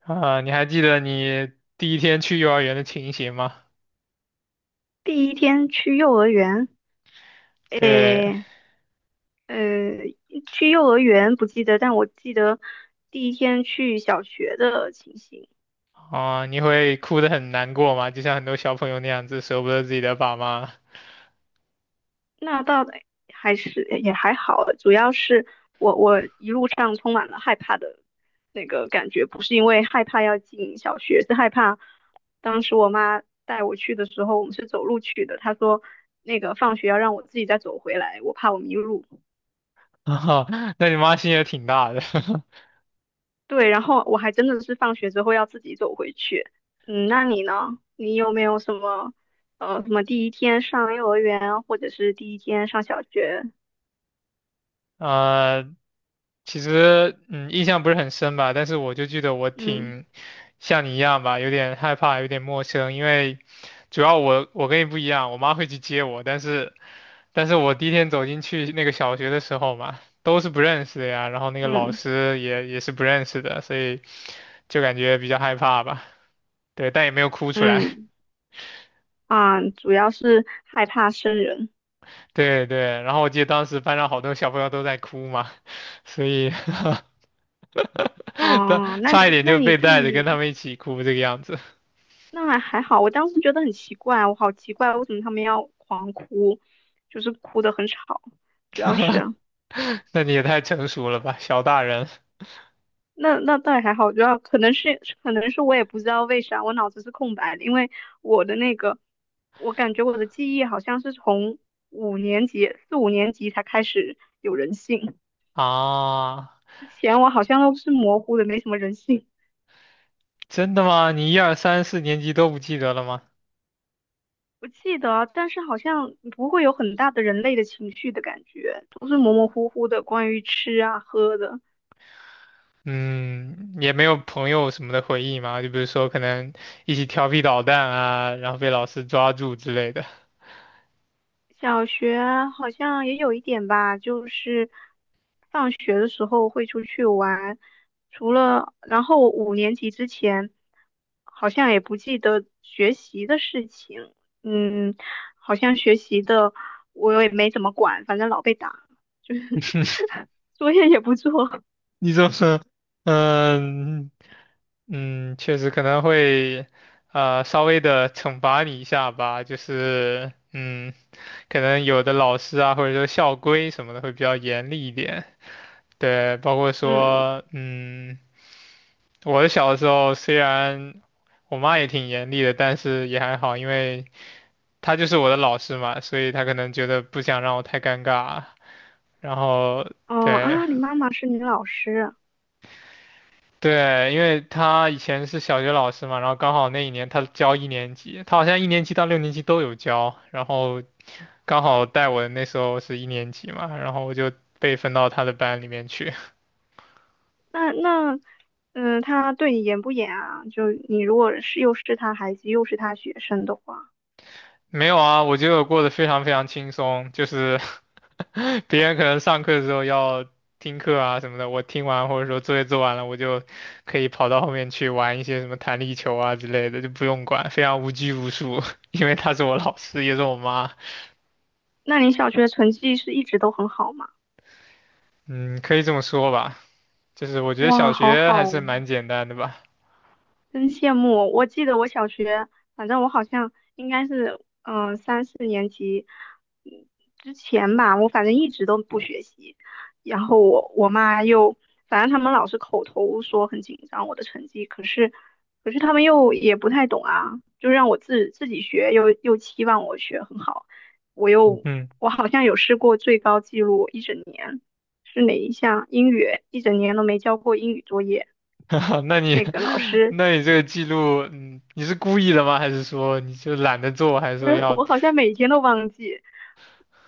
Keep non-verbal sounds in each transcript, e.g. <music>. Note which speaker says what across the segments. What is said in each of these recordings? Speaker 1: 啊，你还记得你第一天去幼儿园的情形吗？
Speaker 2: 第一天去幼儿园，
Speaker 1: 对。
Speaker 2: 诶，呃，去幼儿园不记得，但我记得第一天去小学的情形。
Speaker 1: 啊，你会哭得很难过吗？就像很多小朋友那样子，舍不得自己的爸妈。
Speaker 2: 那倒的还是也还好，主要是我一路上充满了害怕的那个感觉，不是因为害怕要进小学，是害怕当时我妈带我去的时候，我们是走路去的，她说那个放学要让我自己再走回来，我怕我迷路。
Speaker 1: <laughs> 啊，那你妈心也挺大的。<laughs>
Speaker 2: 对，然后我还真的是放学之后要自己走回去。嗯，那你呢？你有没有什么什么第一天上幼儿园，或者是第一天上小学？
Speaker 1: 呃，其实印象不是很深吧，但是我就记得我
Speaker 2: 嗯
Speaker 1: 挺像你一样吧，有点害怕，有点陌生，因为主要我跟你不一样，我妈会去接我，但是我第一天走进去那个小学的时候嘛，都是不认识的呀，然后那个老
Speaker 2: 嗯
Speaker 1: 师也是不认识的，所以就感觉比较害怕吧，对，但也没有哭出来。
Speaker 2: 嗯，啊，主要是害怕生人。
Speaker 1: <laughs> 对对，然后我记得当时班上好多小朋友都在哭嘛，所以 <laughs> <laughs> 他
Speaker 2: 哦，那
Speaker 1: 差一
Speaker 2: 你
Speaker 1: 点
Speaker 2: 那
Speaker 1: 就
Speaker 2: 你
Speaker 1: 被
Speaker 2: 对
Speaker 1: 带着跟他
Speaker 2: 于
Speaker 1: 们一起哭这个样子。
Speaker 2: 那还好，我当时觉得很奇怪，我好奇怪，为什么他们要狂哭，就是哭得很吵，主要是。
Speaker 1: <laughs> 那你也太成熟了吧，小大人
Speaker 2: 那倒也还好，主要可能是我也不知道为啥我脑子是空白的，因为我的那个，我感觉我的记忆好像是从五年级才开始有人性，
Speaker 1: 啊！
Speaker 2: 之前我好像都是模糊的，没什么人性。
Speaker 1: 真的吗？你一二三四年级都不记得了吗？
Speaker 2: 我记得啊，但是好像不会有很大的人类的情绪的感觉，都是模模糊糊的，关于吃啊喝的。
Speaker 1: 嗯，也没有朋友什么的回忆吗？就比如说可能一起调皮捣蛋啊，然后被老师抓住之类的。
Speaker 2: 小学好像也有一点吧，就是放学的时候会出去玩，除了，然后五年级之前好像也不记得学习的事情，嗯，好像学习的我也没怎么管，反正老被打，就 <laughs> 是作业也不做，
Speaker 1: 你怎么，嗯确实可能会，稍微的惩罚你一下吧，就是，可能有的老师啊，或者说校规什么的会比较严厉一点。对，包括
Speaker 2: 嗯，
Speaker 1: 说，我的小的时候虽然我妈也挺严厉的，但是也还好，因为她就是我的老师嘛，所以她可能觉得不想让我太尴尬，然后
Speaker 2: 哦
Speaker 1: 对。
Speaker 2: 啊，你妈妈是你老师，
Speaker 1: 对，因为他以前是小学老师嘛，然后刚好那一年他教一年级，他好像一年级到六年级都有教，然后刚好带我的那时候是一年级嘛，然后我就被分到他的班里面去。<laughs>
Speaker 2: 那那。嗯，她对你严不严啊？就你如果是又是她孩子又是她学生的话。
Speaker 1: 没有啊，我觉得我过得非常非常轻松，就是 <laughs> 别人可能上课的时候要听课啊什么的，我听完或者说作业做完了，我就可以跑到后面去玩一些什么弹力球啊之类的，就不用管，非常无拘无束，<laughs> 因为他是我老师，也是我妈。
Speaker 2: 那你小学成绩是一直都很好吗？
Speaker 1: 嗯，可以这么说吧，就是我觉得
Speaker 2: 哇，
Speaker 1: 小
Speaker 2: 好
Speaker 1: 学
Speaker 2: 好
Speaker 1: 还是
Speaker 2: 哦，
Speaker 1: 蛮简单的吧。
Speaker 2: 真羡慕！我记得我小学，反正我好像应该是，嗯、三四年级嗯之前吧，我反正一直都不学习。然后我我妈又，反正他们老是口头说很紧张我的成绩，可是他们又也不太懂啊，就让我自己学，又期望我学很好。我又
Speaker 1: 嗯。
Speaker 2: 我好像有试过最高记录一整年，是哪一项？英语，一整年都没交过英语作业。
Speaker 1: <laughs> 那你，
Speaker 2: 那个老
Speaker 1: <laughs>
Speaker 2: 师
Speaker 1: 那你这个记录，嗯，你是故意的吗？还是说你就懒得做？还是
Speaker 2: 不
Speaker 1: 说
Speaker 2: 是，
Speaker 1: 要，
Speaker 2: 我好像每天都忘记。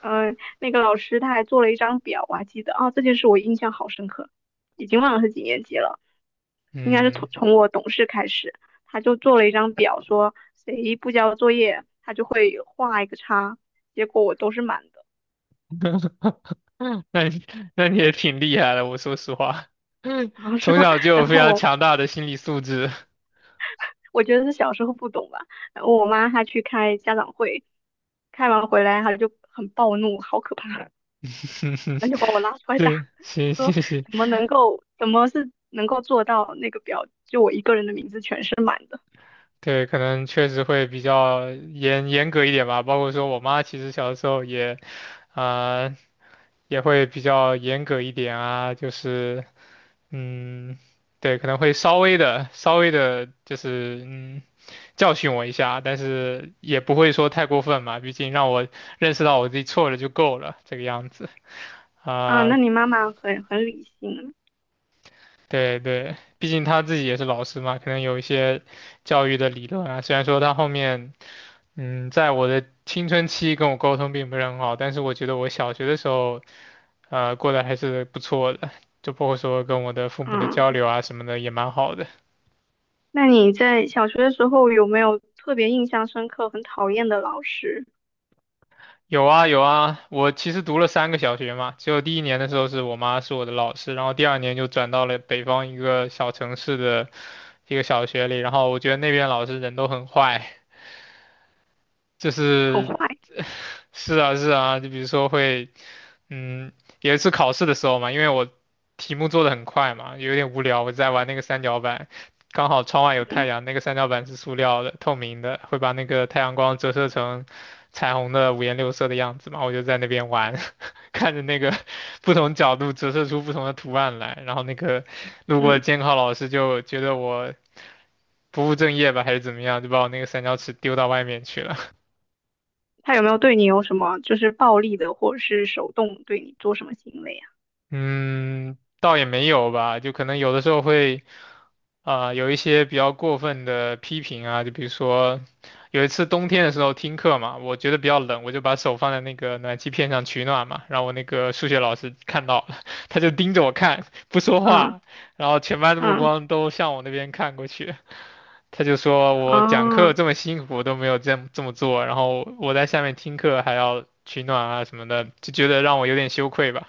Speaker 2: 嗯、那个老师他还做了一张表，我还记得啊，这件事我印象好深刻，已经忘了是几年级了，应该是
Speaker 1: 嗯，
Speaker 2: 从我懂事开始，他就做了一张表，说谁不交作业，他就会画一个叉，结果我都是满的，
Speaker 1: 嗯 <laughs> 那你也挺厉害的，我说实话。<laughs>
Speaker 2: 啊是
Speaker 1: 从
Speaker 2: 吗？
Speaker 1: 小就
Speaker 2: <laughs>
Speaker 1: 有
Speaker 2: 然
Speaker 1: 非
Speaker 2: 后
Speaker 1: 常
Speaker 2: 我
Speaker 1: 强大的心理素质。
Speaker 2: 我觉得是小时候不懂吧，然后我妈她去开家长会，开完回来她就很暴怒，好可怕，然后就把我拉
Speaker 1: <laughs>
Speaker 2: 出来打，
Speaker 1: 对，行
Speaker 2: 他说
Speaker 1: 行行。
Speaker 2: 怎么能够，怎么是能够做到那个表，就我一个人的名字全是满的
Speaker 1: 对，可能确实会比较严格一点吧。包括说我妈其实小的时候也，啊、也会比较严格一点啊，就是嗯，对，可能会稍微的，就是嗯，教训我一下，但是也不会说太过分嘛，毕竟让我认识到我自己错了就够了，这个样子。
Speaker 2: 啊？
Speaker 1: 啊、
Speaker 2: 那你妈妈很理性，
Speaker 1: 对对，毕竟他自己也是老师嘛，可能有一些教育的理论啊，虽然说他后面。嗯，在我的青春期跟我沟通并不是很好，但是我觉得我小学的时候，过得还是不错的，就包括说跟我的父母的
Speaker 2: 嗯，
Speaker 1: 交流啊什么的也蛮好的。
Speaker 2: 那你在小学的时候有没有特别印象深刻、很讨厌的老师，
Speaker 1: 有啊有啊，我其实读了三个小学嘛，只有第一年的时候是我妈是我的老师，然后第二年就转到了北方一个小城市的一个小学里，然后我觉得那边老师人都很坏，就
Speaker 2: 很
Speaker 1: 是
Speaker 2: 坏，
Speaker 1: <laughs> 是啊是啊，就比如说会，嗯，有一次考试的时候嘛，因为我题目做的很快嘛，有点无聊，我在玩那个三角板，刚好窗外有太
Speaker 2: 嗯
Speaker 1: 阳，那个三角板是塑料的，透明的，会把那个太阳光折射成彩虹的五颜六色的样子嘛，我就在那边玩。<laughs> 看着那个 <laughs> 不同角度折射出不同的图案来，然后那个路过的
Speaker 2: 嗯，
Speaker 1: 监考老师就觉得我不务正业吧，还是怎么样，就把我那个三角尺丢到外面去了。
Speaker 2: 他有没有对你有什么就是暴力的，或者是手动对你做什么行为啊？
Speaker 1: 嗯，倒也没有吧，就可能有的时候会啊、有一些比较过分的批评啊，就比如说有一次冬天的时候听课嘛，我觉得比较冷，我就把手放在那个暖气片上取暖嘛，然后我那个数学老师看到了，<laughs> 他就盯着我看，不说
Speaker 2: 嗯
Speaker 1: 话，然后全班的目
Speaker 2: 嗯，
Speaker 1: 光都向我那边看过去，他就说我讲课
Speaker 2: 哦，
Speaker 1: 这么辛苦都没有这么做，然后我在下面听课还要取暖啊什么的，就觉得让我有点羞愧吧。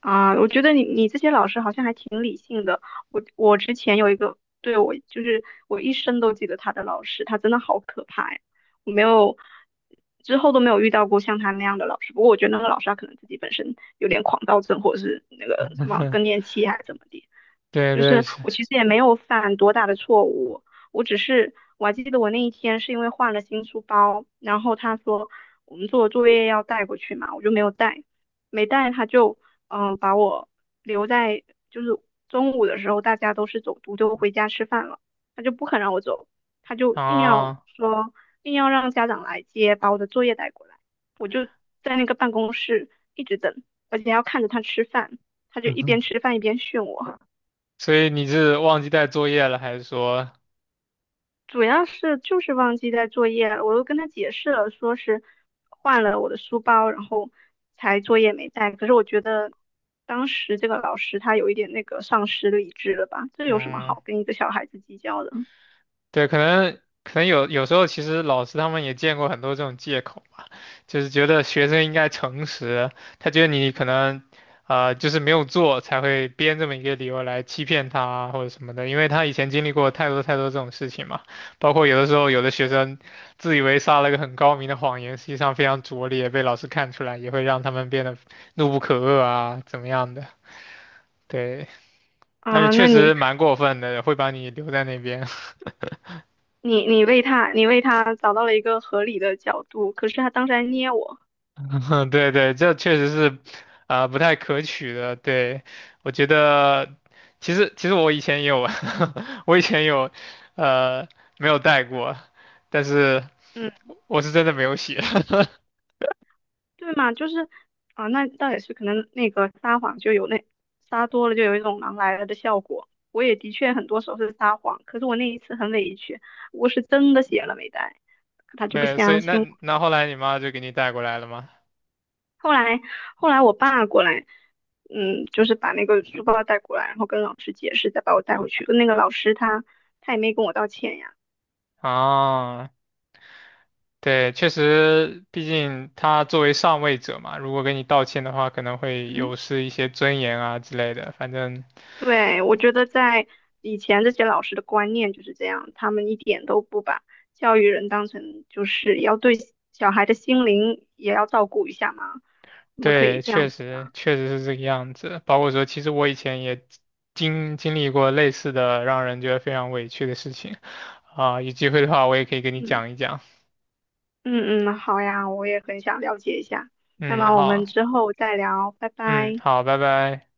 Speaker 2: 啊，我觉得你这些老师好像还挺理性的。我之前有一个，对，我就是我一生都记得他的老师，他真的好可怕呀！我没有之后都没有遇到过像他那样的老师。不过我觉得那个老师他可能自己本身有点狂躁症，或者是那个什么更
Speaker 1: <laughs>
Speaker 2: 年期还是怎么的。
Speaker 1: 对
Speaker 2: 就
Speaker 1: 对。
Speaker 2: 是我其实也没有犯多大的错误，我只是我还记得我那一天是因为换了新书包，然后他说我们做作业要带过去嘛，我就没有带。没带他就把我留在，就是中午的时候大家都是走读就回家吃饭了，他就不肯让我走，他就硬要
Speaker 1: 啊。
Speaker 2: 说硬要让家长来接，把我的作业带过来，我就在那个办公室一直等，而且还要看着他吃饭，他就一边
Speaker 1: <laughs>
Speaker 2: 吃饭一边训我。
Speaker 1: 所以你是忘记带作业了，还是说，
Speaker 2: 主要是就是忘记带作业了，我都跟他解释了，说是换了我的书包，然后才作业没带。可是我觉得当时这个老师他有一点那个丧失理智了吧？这有什么
Speaker 1: 嗯，
Speaker 2: 好跟一个小孩子计较的？
Speaker 1: 对，可能有时候其实老师他们也见过很多这种借口吧，就是觉得学生应该诚实，他觉得你可能就是没有做才会编这么一个理由来欺骗他啊或者什么的，因为他以前经历过太多太多这种事情嘛，包括有的时候有的学生自以为撒了个很高明的谎言，实际上非常拙劣，被老师看出来也会让他们变得怒不可遏啊，怎么样的，对。但是
Speaker 2: 啊、那
Speaker 1: 确
Speaker 2: 你
Speaker 1: 实蛮过分的，会把你留在那边。
Speaker 2: 你为他找到了一个合理的角度，可是他当时还捏我，
Speaker 1: <laughs> 对对，这确实是，啊、不太可取的。对，我觉得，其实我以前也有，<laughs> 我以前有，呃，没有带过，但是
Speaker 2: 嗯。
Speaker 1: 我是真的没有写。<laughs>
Speaker 2: 对嘛，就是啊，那倒也是，可能那个撒谎就有那撒多了就有一种狼来了的效果。我也的确很多时候是撒谎，可是我那一次很委屈，我是真的写了没带，他就不
Speaker 1: 对，所以
Speaker 2: 相
Speaker 1: 那
Speaker 2: 信我。
Speaker 1: 那后来你妈就给你带过来了吗？
Speaker 2: 后来后来我爸过来，嗯，就是把那个书包带过来，然后跟老师解释，再把我带回去。那个老师他他也没跟我道歉呀，
Speaker 1: 啊，对，确实，毕竟他作为上位者嘛，如果给你道歉的话，可能会有
Speaker 2: 嗯。
Speaker 1: 失一些尊严啊之类的。反正
Speaker 2: 对，我觉得在以前这些老师的观念就是这样，他们一点都不把教育人当成就是要对小孩的心灵也要照顾一下嘛，我们可以
Speaker 1: 对，
Speaker 2: 这
Speaker 1: 确
Speaker 2: 样子
Speaker 1: 实
Speaker 2: 啊，
Speaker 1: 确实是这个样子。包括说，其实我以前也经历过类似的让人觉得非常委屈的事情啊，有机会的话我也可以跟你
Speaker 2: 嗯
Speaker 1: 讲一讲。
Speaker 2: 嗯嗯，好呀，我也很想了解一下，那
Speaker 1: 嗯，
Speaker 2: 么我们
Speaker 1: 好。
Speaker 2: 之后再聊，拜
Speaker 1: 嗯，
Speaker 2: 拜。
Speaker 1: 好，拜拜。